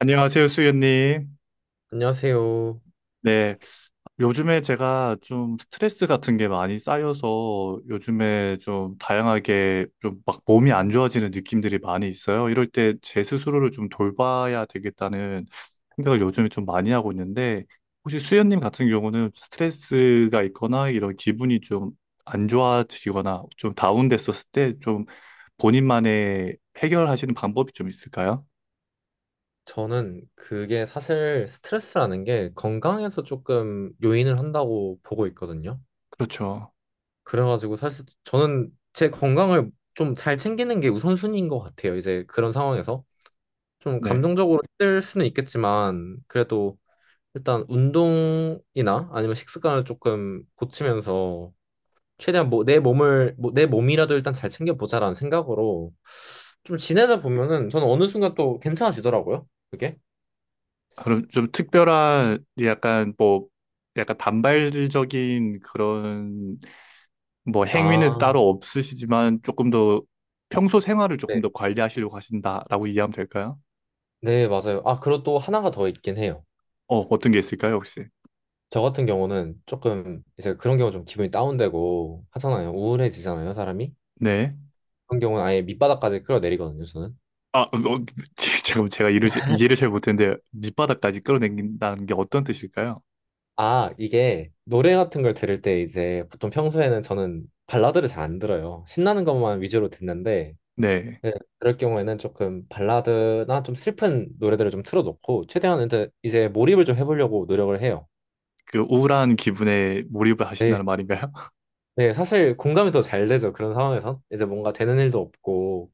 안녕하세요, 수연님. 안녕하세요. 네, 요즘에 제가 좀 스트레스 같은 게 많이 쌓여서 요즘에 좀 다양하게 좀 막 몸이 안 좋아지는 느낌들이 많이 있어요. 이럴 때 제 스스로를 좀 돌봐야 되겠다는 생각을 요즘에 좀 많이 하고 있는데, 혹시 수연님 같은 경우는 스트레스가 있거나 이런 기분이 좀 안 좋아지거나 좀 다운됐었을 때 좀 본인만의 해결하시는 방법이 좀 있을까요? 저는 그게 사실 스트레스라는 게 건강에서 조금 요인을 한다고 보고 있거든요. 그렇죠. 그래가지고 사실 저는 제 건강을 좀 잘 챙기는 게 우선순위인 것 같아요. 이제 그런 상황에서 좀 네. 감정적으로 힘들 수는 있겠지만 그래도 일단 운동이나 아니면 식습관을 조금 고치면서 최대한 뭐 내 몸을 뭐 내 몸이라도 일단 잘 챙겨보자라는 생각으로 좀 지내다 보면은 저는 어느 순간 또 괜찮아지더라고요. 그게. 그럼 좀 특별한 약간 뭐 약간 반발적인 그런 뭐 행위는 아, 따로 없으시지만 조금 더 평소 생활을 네. 조금 더 관리하시려고 하신다라고 이해하면 될까요? 네, 맞아요. 아, 그리고 또 하나가 더 있긴 해요. 어, 어떤 게 있을까요, 혹시? 저 같은 경우는 조금 이제 그런 경우 좀 기분이 다운되고 하잖아요. 우울해지잖아요, 사람이. 네. 그런 경우는 아예 밑바닥까지 끌어내리거든요, 저는. 아, 어, 어, 잠깐만 제가 이해를 잘 못했는데 밑바닥까지 끌어당긴다는 게 어떤 뜻일까요? 아, 이게 노래 같은 걸 들을 때 이제 보통 평소에는 저는 발라드를 잘 안 들어요. 신나는 것만 위주로 듣는데, 네. 네, 그럴 경우에는 조금 발라드나 좀 슬픈 노래들을 좀 틀어놓고, 최대한 이제 몰입을 좀 해보려고 노력을 해요. 그 우울한 기분에 몰입을 하신다는 네, 말인가요? 네, 사실 공감이 더 잘 되죠. 그런 상황에선. 이제 뭔가 되는 일도 없고,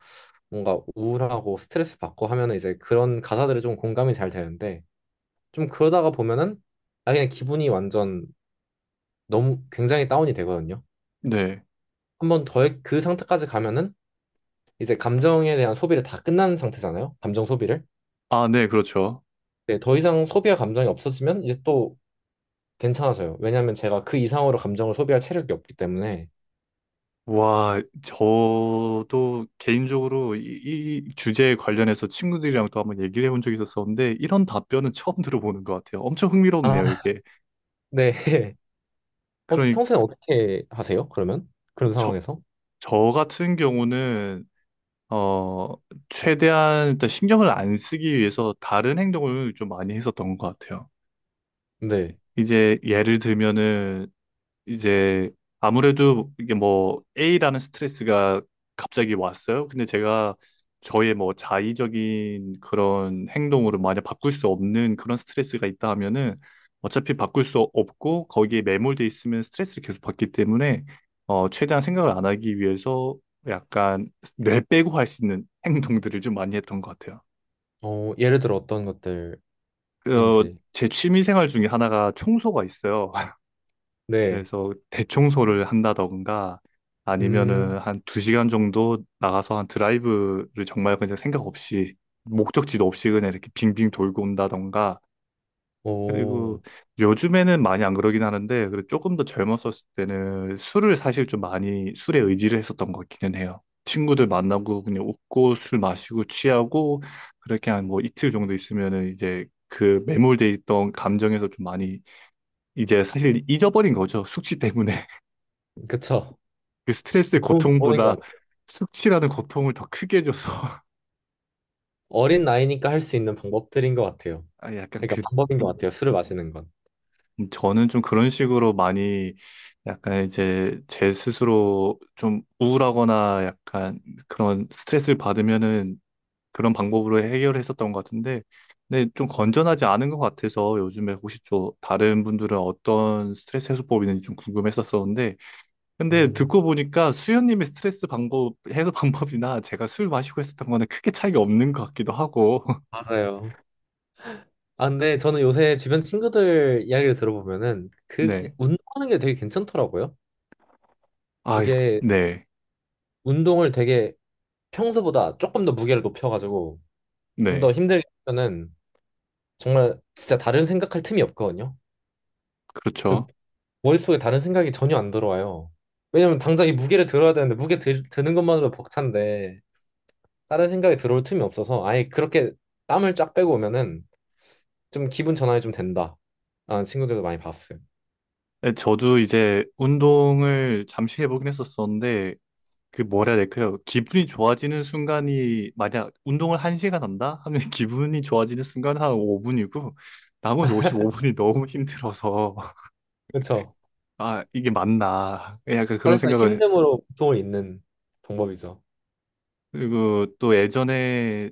뭔가 우울하고 스트레스 받고 하면은 이제 그런 가사들이 좀 공감이 잘 되는데, 좀 그러다가 보면은, 아, 그냥 기분이 완전 너무 굉장히 다운이 되거든요. 네. 한번 더 그 상태까지 가면은, 이제 감정에 대한 소비를 다 끝난 상태잖아요. 감정 소비를. 아, 네, 그렇죠. 네, 더 이상 소비할 감정이 없어지면 이제 또 괜찮아져요. 왜냐하면 제가 그 이상으로 감정을 소비할 체력이 없기 때문에. 와, 저도 개인적으로 이 주제에 관련해서 친구들이랑 또 한번 얘기를 해본 적이 있었었는데, 이런 답변은 처음 들어보는 것 같아요. 엄청 아, 흥미롭네요, 이게. 네. 어, 그러니, 평소에 어떻게 하세요? 그러면? 그런 저, 상황에서? 저 같은 경우는, 어, 최대한 일단 신경을 안 쓰기 위해서 다른 행동을 좀 많이 했었던 것 같아요. 네. 이제 예를 들면은, 이제 아무래도 이게 뭐 A라는 스트레스가 갑자기 왔어요. 근데 제가 저의 뭐 자의적인 그런 행동으로 만약 바꿀 수 없는 그런 스트레스가 있다 하면은 어차피 바꿀 수 없고 거기에 매몰돼 있으면 스트레스를 계속 받기 때문에 어 최대한 생각을 안 하기 위해서 약간 뇌 빼고 할 수 있는 행동들을 좀 많이 했던 것 같아요. 어, 예를 들어 어떤 것들인지. 어 제 취미 생활 중에 하나가 청소가 있어요. 네. 그래서 대청소를 한다던가 아니면은 음, 한 두 시간 정도 나가서 한 드라이브를 정말 그냥 생각 없이 목적지도 없이 그냥 이렇게 빙빙 돌고 온다던가. 그리고 오, 요즘에는 많이 안 그러긴 하는데 그래도 조금 더 젊었었을 때는 술을 사실 좀 많이 술에 의지를 했었던 것 같기는 해요. 친구들 만나고 그냥 웃고 술 마시고 취하고 그렇게 한 뭐 이틀 정도 있으면은 이제 그 매몰돼 있던 감정에서 좀 많이 이제 사실 잊어버린 거죠. 숙취 때문에. 그쵸. 그 스트레스의 좋은 방법인 고통보다 것 같아요. 숙취라는 고통을 더 크게 줘서 어린 나이니까 할 수 있는 방법들인 것 같아요. 아, 약간 그러니까 그 방법인 것 같아요. 술을 마시는 건. 저는 좀 그런 식으로 많이 약간 이제 제 스스로 좀 우울하거나 약간 그런 스트레스를 받으면은 그런 방법으로 해결했었던 것 같은데, 근데 좀 건전하지 않은 것 같아서 요즘에 혹시 또 다른 분들은 어떤 스트레스 해소법이 있는지 좀 궁금했었었는데, 근데 음, 듣고 보니까 수현님의 스트레스 방법 해소 방법이나 제가 술 마시고 했었던 거는 크게 차이가 없는 것 같기도 하고. 맞아요. 아, 근데 저는 요새 주변 친구들 이야기를 들어보면은 그 네. 운동하는 게 되게 괜찮더라고요. 아, 이게 네. 운동을 되게 평소보다 조금 더 무게를 높여가지고 좀 더 네. 힘들게 하면은 정말 진짜 다른 생각할 틈이 없거든요. 그렇죠. 머릿속에 다른 생각이 전혀 안 들어와요. 왜냐면 당장 이 무게를 들어야 되는데 드는 것만으로 벅찬데 다른 생각이 들어올 틈이 없어서 아예 그렇게 땀을 쫙 빼고 오면은 좀 기분 전환이 좀 된다. 라는 친구들도 많이 봤어요. 네, 저도 이제 운동을 잠시 해보긴 했었었는데, 그 뭐라 해야 될까요? 기분이 좋아지는 순간이, 만약 운동을 1시간 한다? 하면 기분이 좋아지는 순간은 한 5분이고, 나머지 55분이 너무 힘들어서, 그렇죠. 아, 이게 맞나. 예, 약간 그런 사실상 생각을, 힘듦으로 고통을 잇는 방법이죠. 그리고 또 예전에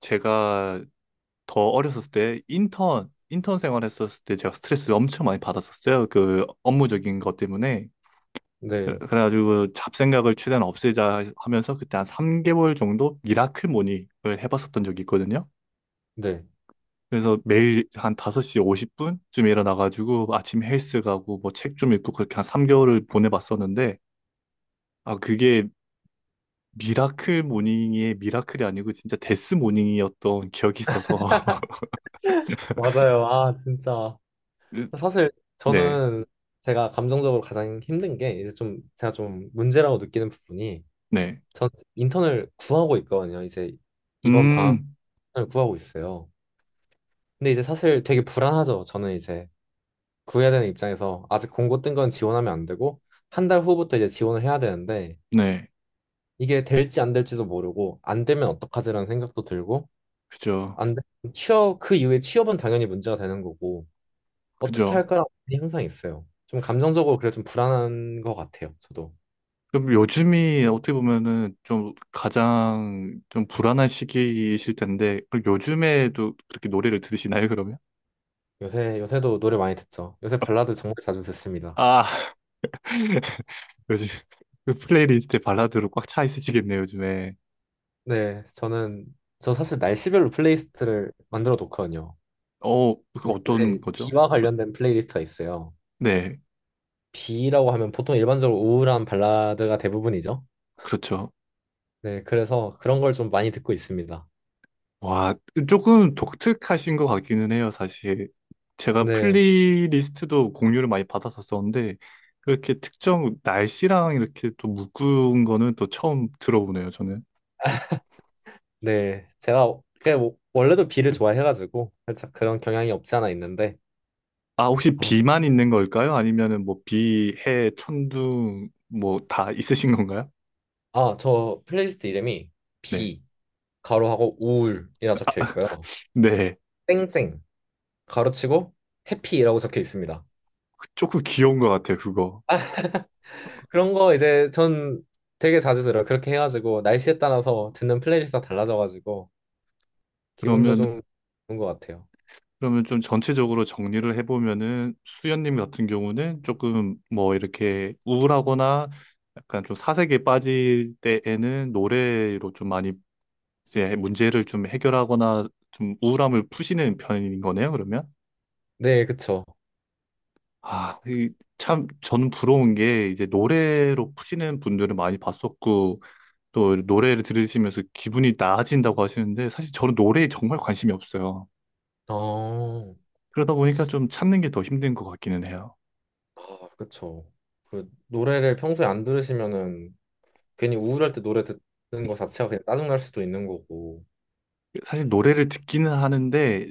제가 더 어렸을 때 인턴 생활했었을 때 제가 스트레스를 엄청 많이 받았었어요. 그 업무적인 것 때문에. 네, 그래가지고 그 잡생각을 최대한 없애자 하면서 그때 한 3개월 정도 미라클 모닝을 해봤었던 적이 있거든요. 네. 그래서 매일 한 5시 50분쯤에 일어나가지고 아침 헬스 가고 뭐 책 좀 읽고 그렇게 한 3개월을 보내봤었는데 아 그게 미라클 모닝의 미라클이 아니고 진짜 데스 모닝이었던 기억이 있어서 맞아요. 아, 진짜. 사실 네, 저는 제가 감정적으로 가장 힘든 게 이제 좀 제가 좀 문제라고 느끼는 부분이 네. 전 인턴을 구하고 있거든요. 이제 이번 방학 음, 시간을 구하고 있어요. 근데 이제 사실 되게 불안하죠. 저는 이제 구해야 되는 입장에서 아직 공고 뜬 건 지원하면 안 되고 한 달 후부터 이제 지원을 해야 되는데 네. 이게 될지 안 될지도 모르고 안 되면 어떡하지라는 생각도 들고 그죠. 안 되면 취업 그 이후에 취업은 당연히 문제가 되는 거고 어떻게 그죠. 할까라는 고민이 항상 있어요. 좀 감정적으로 그래 좀 불안한 것 같아요. 저도 그럼 요즘이 어떻게 보면은 좀 가장 좀 불안한 시기이실 텐데, 그럼 요즘에도 그렇게 노래를 들으시나요, 그러면? 요새도 노래 많이 듣죠. 요새 발라드 정말 자주 듣습니다. 아, 요즘 그 플레이리스트에 발라드로 꽉 차 있으시겠네요, 요즘에. 네, 저는 저 사실 날씨별로 플레이리스트를 만들어 놓거든요. 어, 그 근데 어떤 요새 거죠? 비와 관련된 플레이리스트가 있어요. 네, 비라고 하면 보통 일반적으로 우울한 발라드가 대부분이죠. 그렇죠. 네, 그래서 그런 걸 좀 많이 듣고 있습니다. 와, 조금 독특하신 것 같기는 해요, 사실. 제가 네, 플레이리스트도 공유를 많이 받았었었는데, 그렇게 특정 날씨랑 이렇게 또 묶은 거는 또 처음 들어보네요. 네. 제가 그게 원래도 비를 좋아해가지고 살짝 그런 경향이 없지 않아 있는데, 아, 혹시 아, 비만 있는 걸까요? 아니면은 뭐 비, 해, 천둥 뭐 다 있으신 건가요? 아, 저 플레이리스트 이름이 네. 비, 가로하고 우울이라 적혀 있고요. 네. 땡땡, 가로치고 해피라고 적혀 있습니다. 그 조금 귀여운 것 같아요, 그거. 그런 거 이제 전 되게 자주 들어요. 그렇게 해가지고 날씨에 따라서 듣는 플레이리스트가 달라져가지고 기분도 그러면 좀 좋은 것 같아요. 그러면 좀 전체적으로 정리를 해보면은 수연님 같은 경우는 조금 뭐 이렇게 우울하거나 약간 좀 사색에 빠질 때에는 노래로 좀 많이 이제 문제를 좀 해결하거나 좀 우울함을 푸시는 편인 거네요, 그러면? 네, 그쵸. 아, 이, 참, 저는 부러운 게, 이제 노래로 푸시는 분들은 많이 봤었고, 또 노래를 들으시면서 기분이 나아진다고 하시는데, 사실 저는 노래에 정말 관심이 없어요. 어, 그러다 보니까 좀 찾는 게 더 힘든 것 같기는 해요. 아, 그쵸. 그 노래를 평소에 안 들으시면은 괜히 우울할 때 노래 듣는 거 자체가 그냥 짜증날 수도 있는 거고. 사실 노래를 듣기는 하는데,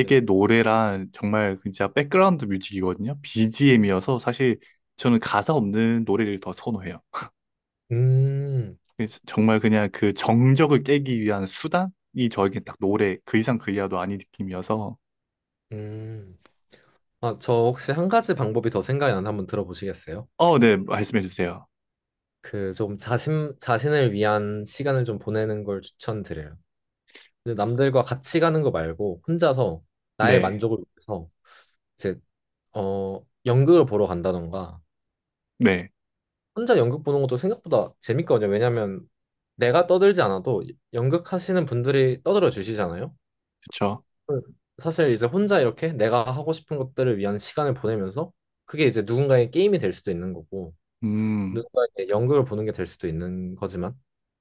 네. 노래란 정말 진짜 백그라운드 뮤직이거든요. BGM이어서 사실 저는 가사 없는 노래를 더 선호해요. 음, 그래서 정말 그냥 그 정적을 깨기 위한 수단이 저에겐 딱 노래, 그 이상 그 이하도 아닌 느낌이어서, 음. 아, 저 혹시 한 가지 방법이 더 생각이 나는데 한번 들어보시겠어요? 어, 네, 말씀해 주세요. 그 좀 자신을 위한 시간을 좀 보내는 걸 추천드려요. 근데 남들과 같이 가는 거 말고 혼자서 나의 네, 만족을 위해서 이제 어 연극을 보러 간다던가 네, 혼자 연극 보는 것도 생각보다 재밌거든요. 왜냐면 내가 떠들지 않아도 연극하시는 분들이 떠들어 주시잖아요. 그쵸. 음. 사실 이제 혼자 이렇게 내가 하고 싶은 것들을 위한 시간을 보내면서 그게 이제 누군가의 게임이 될 수도 있는 거고 음, 누군가의 연극을 보는 게 될 수도 있는 거지만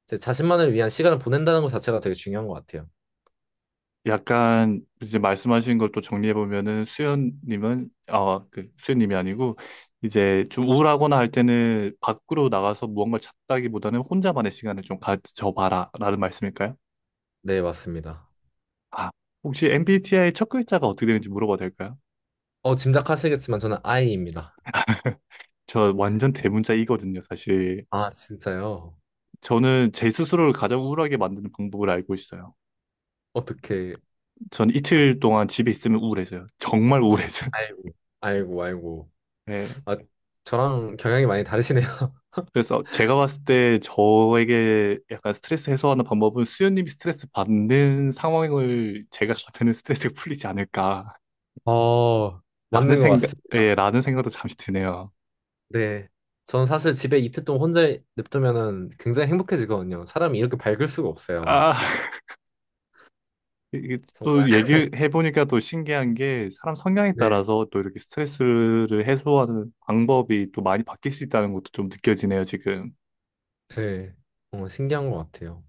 이제 자신만을 위한 시간을 보낸다는 것 자체가 되게 중요한 것 같아요. 약간 이제 말씀하신 걸 또 정리해 보면은 수연님은 어, 그 수연님이 아니고 이제 좀 우울하거나 할 때는 밖으로 나가서 무언가를 찾다기보다는 혼자만의 시간을 좀 가져봐라라는 말씀일까요? 네, 맞습니다. 아, 혹시 MBTI 첫 글자가 어떻게 되는지 물어봐도 될까요? 어, 짐작하시겠지만 저는 아이입니다. 저 완전 대문자이거든요, 사실. 아, 진짜요? 저는 제 스스로를 가장 우울하게 만드는 방법을 알고 있어요. 어떻게 전 이틀 동안 집에 있으면 우울해져요. 정말 우울해져요. 아이고, 아이고, 아이고. 네. 아, 저랑 경향이 많이 다르시네요. 그래서 제가 봤을 때 저에게 약간 스트레스 해소하는 방법은 수현님이 스트레스 받는 상황을 제가 겪는 스트레스가 풀리지 않을까라는 어, 맞는 것 생각, 예, 같습니다. 라는 생각도 잠시 드네요. 네. 저는 사실 집에 이틀 동안 혼자 냅두면은 굉장히 행복해지거든요. 사람이 이렇게 밝을 수가 없어요. 아, 이게 정말. 또 얘기를 해보니까 또 신기한 게 사람 성향에 네. 따라서 또 이렇게 스트레스를 해소하는 방법이 또 많이 바뀔 수 있다는 것도 좀 느껴지네요, 지금. 네. 어, 신기한 것 같아요.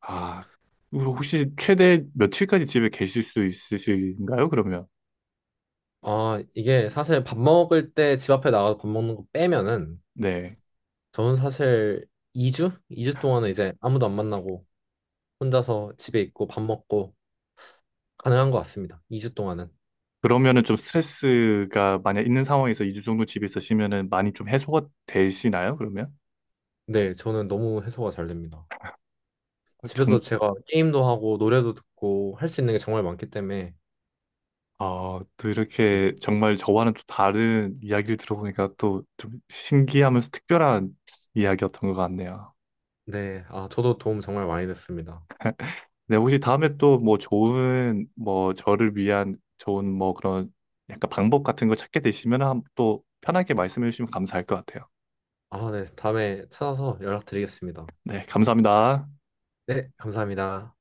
아, 그리고 혹시 최대 며칠까지 집에 계실 수 있으신가요, 그러면? 아, 이게 사실 밥 먹을 때 집 앞에 나가서 밥 먹는 거 빼면은 네. 저는 사실 2주? 2주 동안은 이제 아무도 안 만나고 혼자서 집에 있고 밥 먹고 가능한 것 같습니다. 2주 동안은. 그러면은 좀 스트레스가 만약 있는 상황에서 2주 정도 집에 있으시면은 많이 좀 해소가 되시나요? 그러면? 네, 저는 너무 해소가 잘 됩니다. 어, 정, 집에서 제가 게임도 하고 노래도 듣고 할 수 있는 게 정말 많기 때문에 어, 또 좋습니다. 이렇게 정말 저와는 또 다른 이야기를 들어보니까 또 좀 신기하면서 특별한 이야기였던 것 같네요. 네, 아, 저도 도움 정말 많이 됐습니다. 네, 혹시 다음에 또 뭐 좋은, 뭐 저를 위한 좋은 뭐 그런 약간 방법 같은 거 찾게 되시면 또 편하게 말씀해 주시면 감사할 것 같아요. 아, 네, 다음에 찾아서 연락드리겠습니다. 네, 감사합니다. 네, 감사합니다.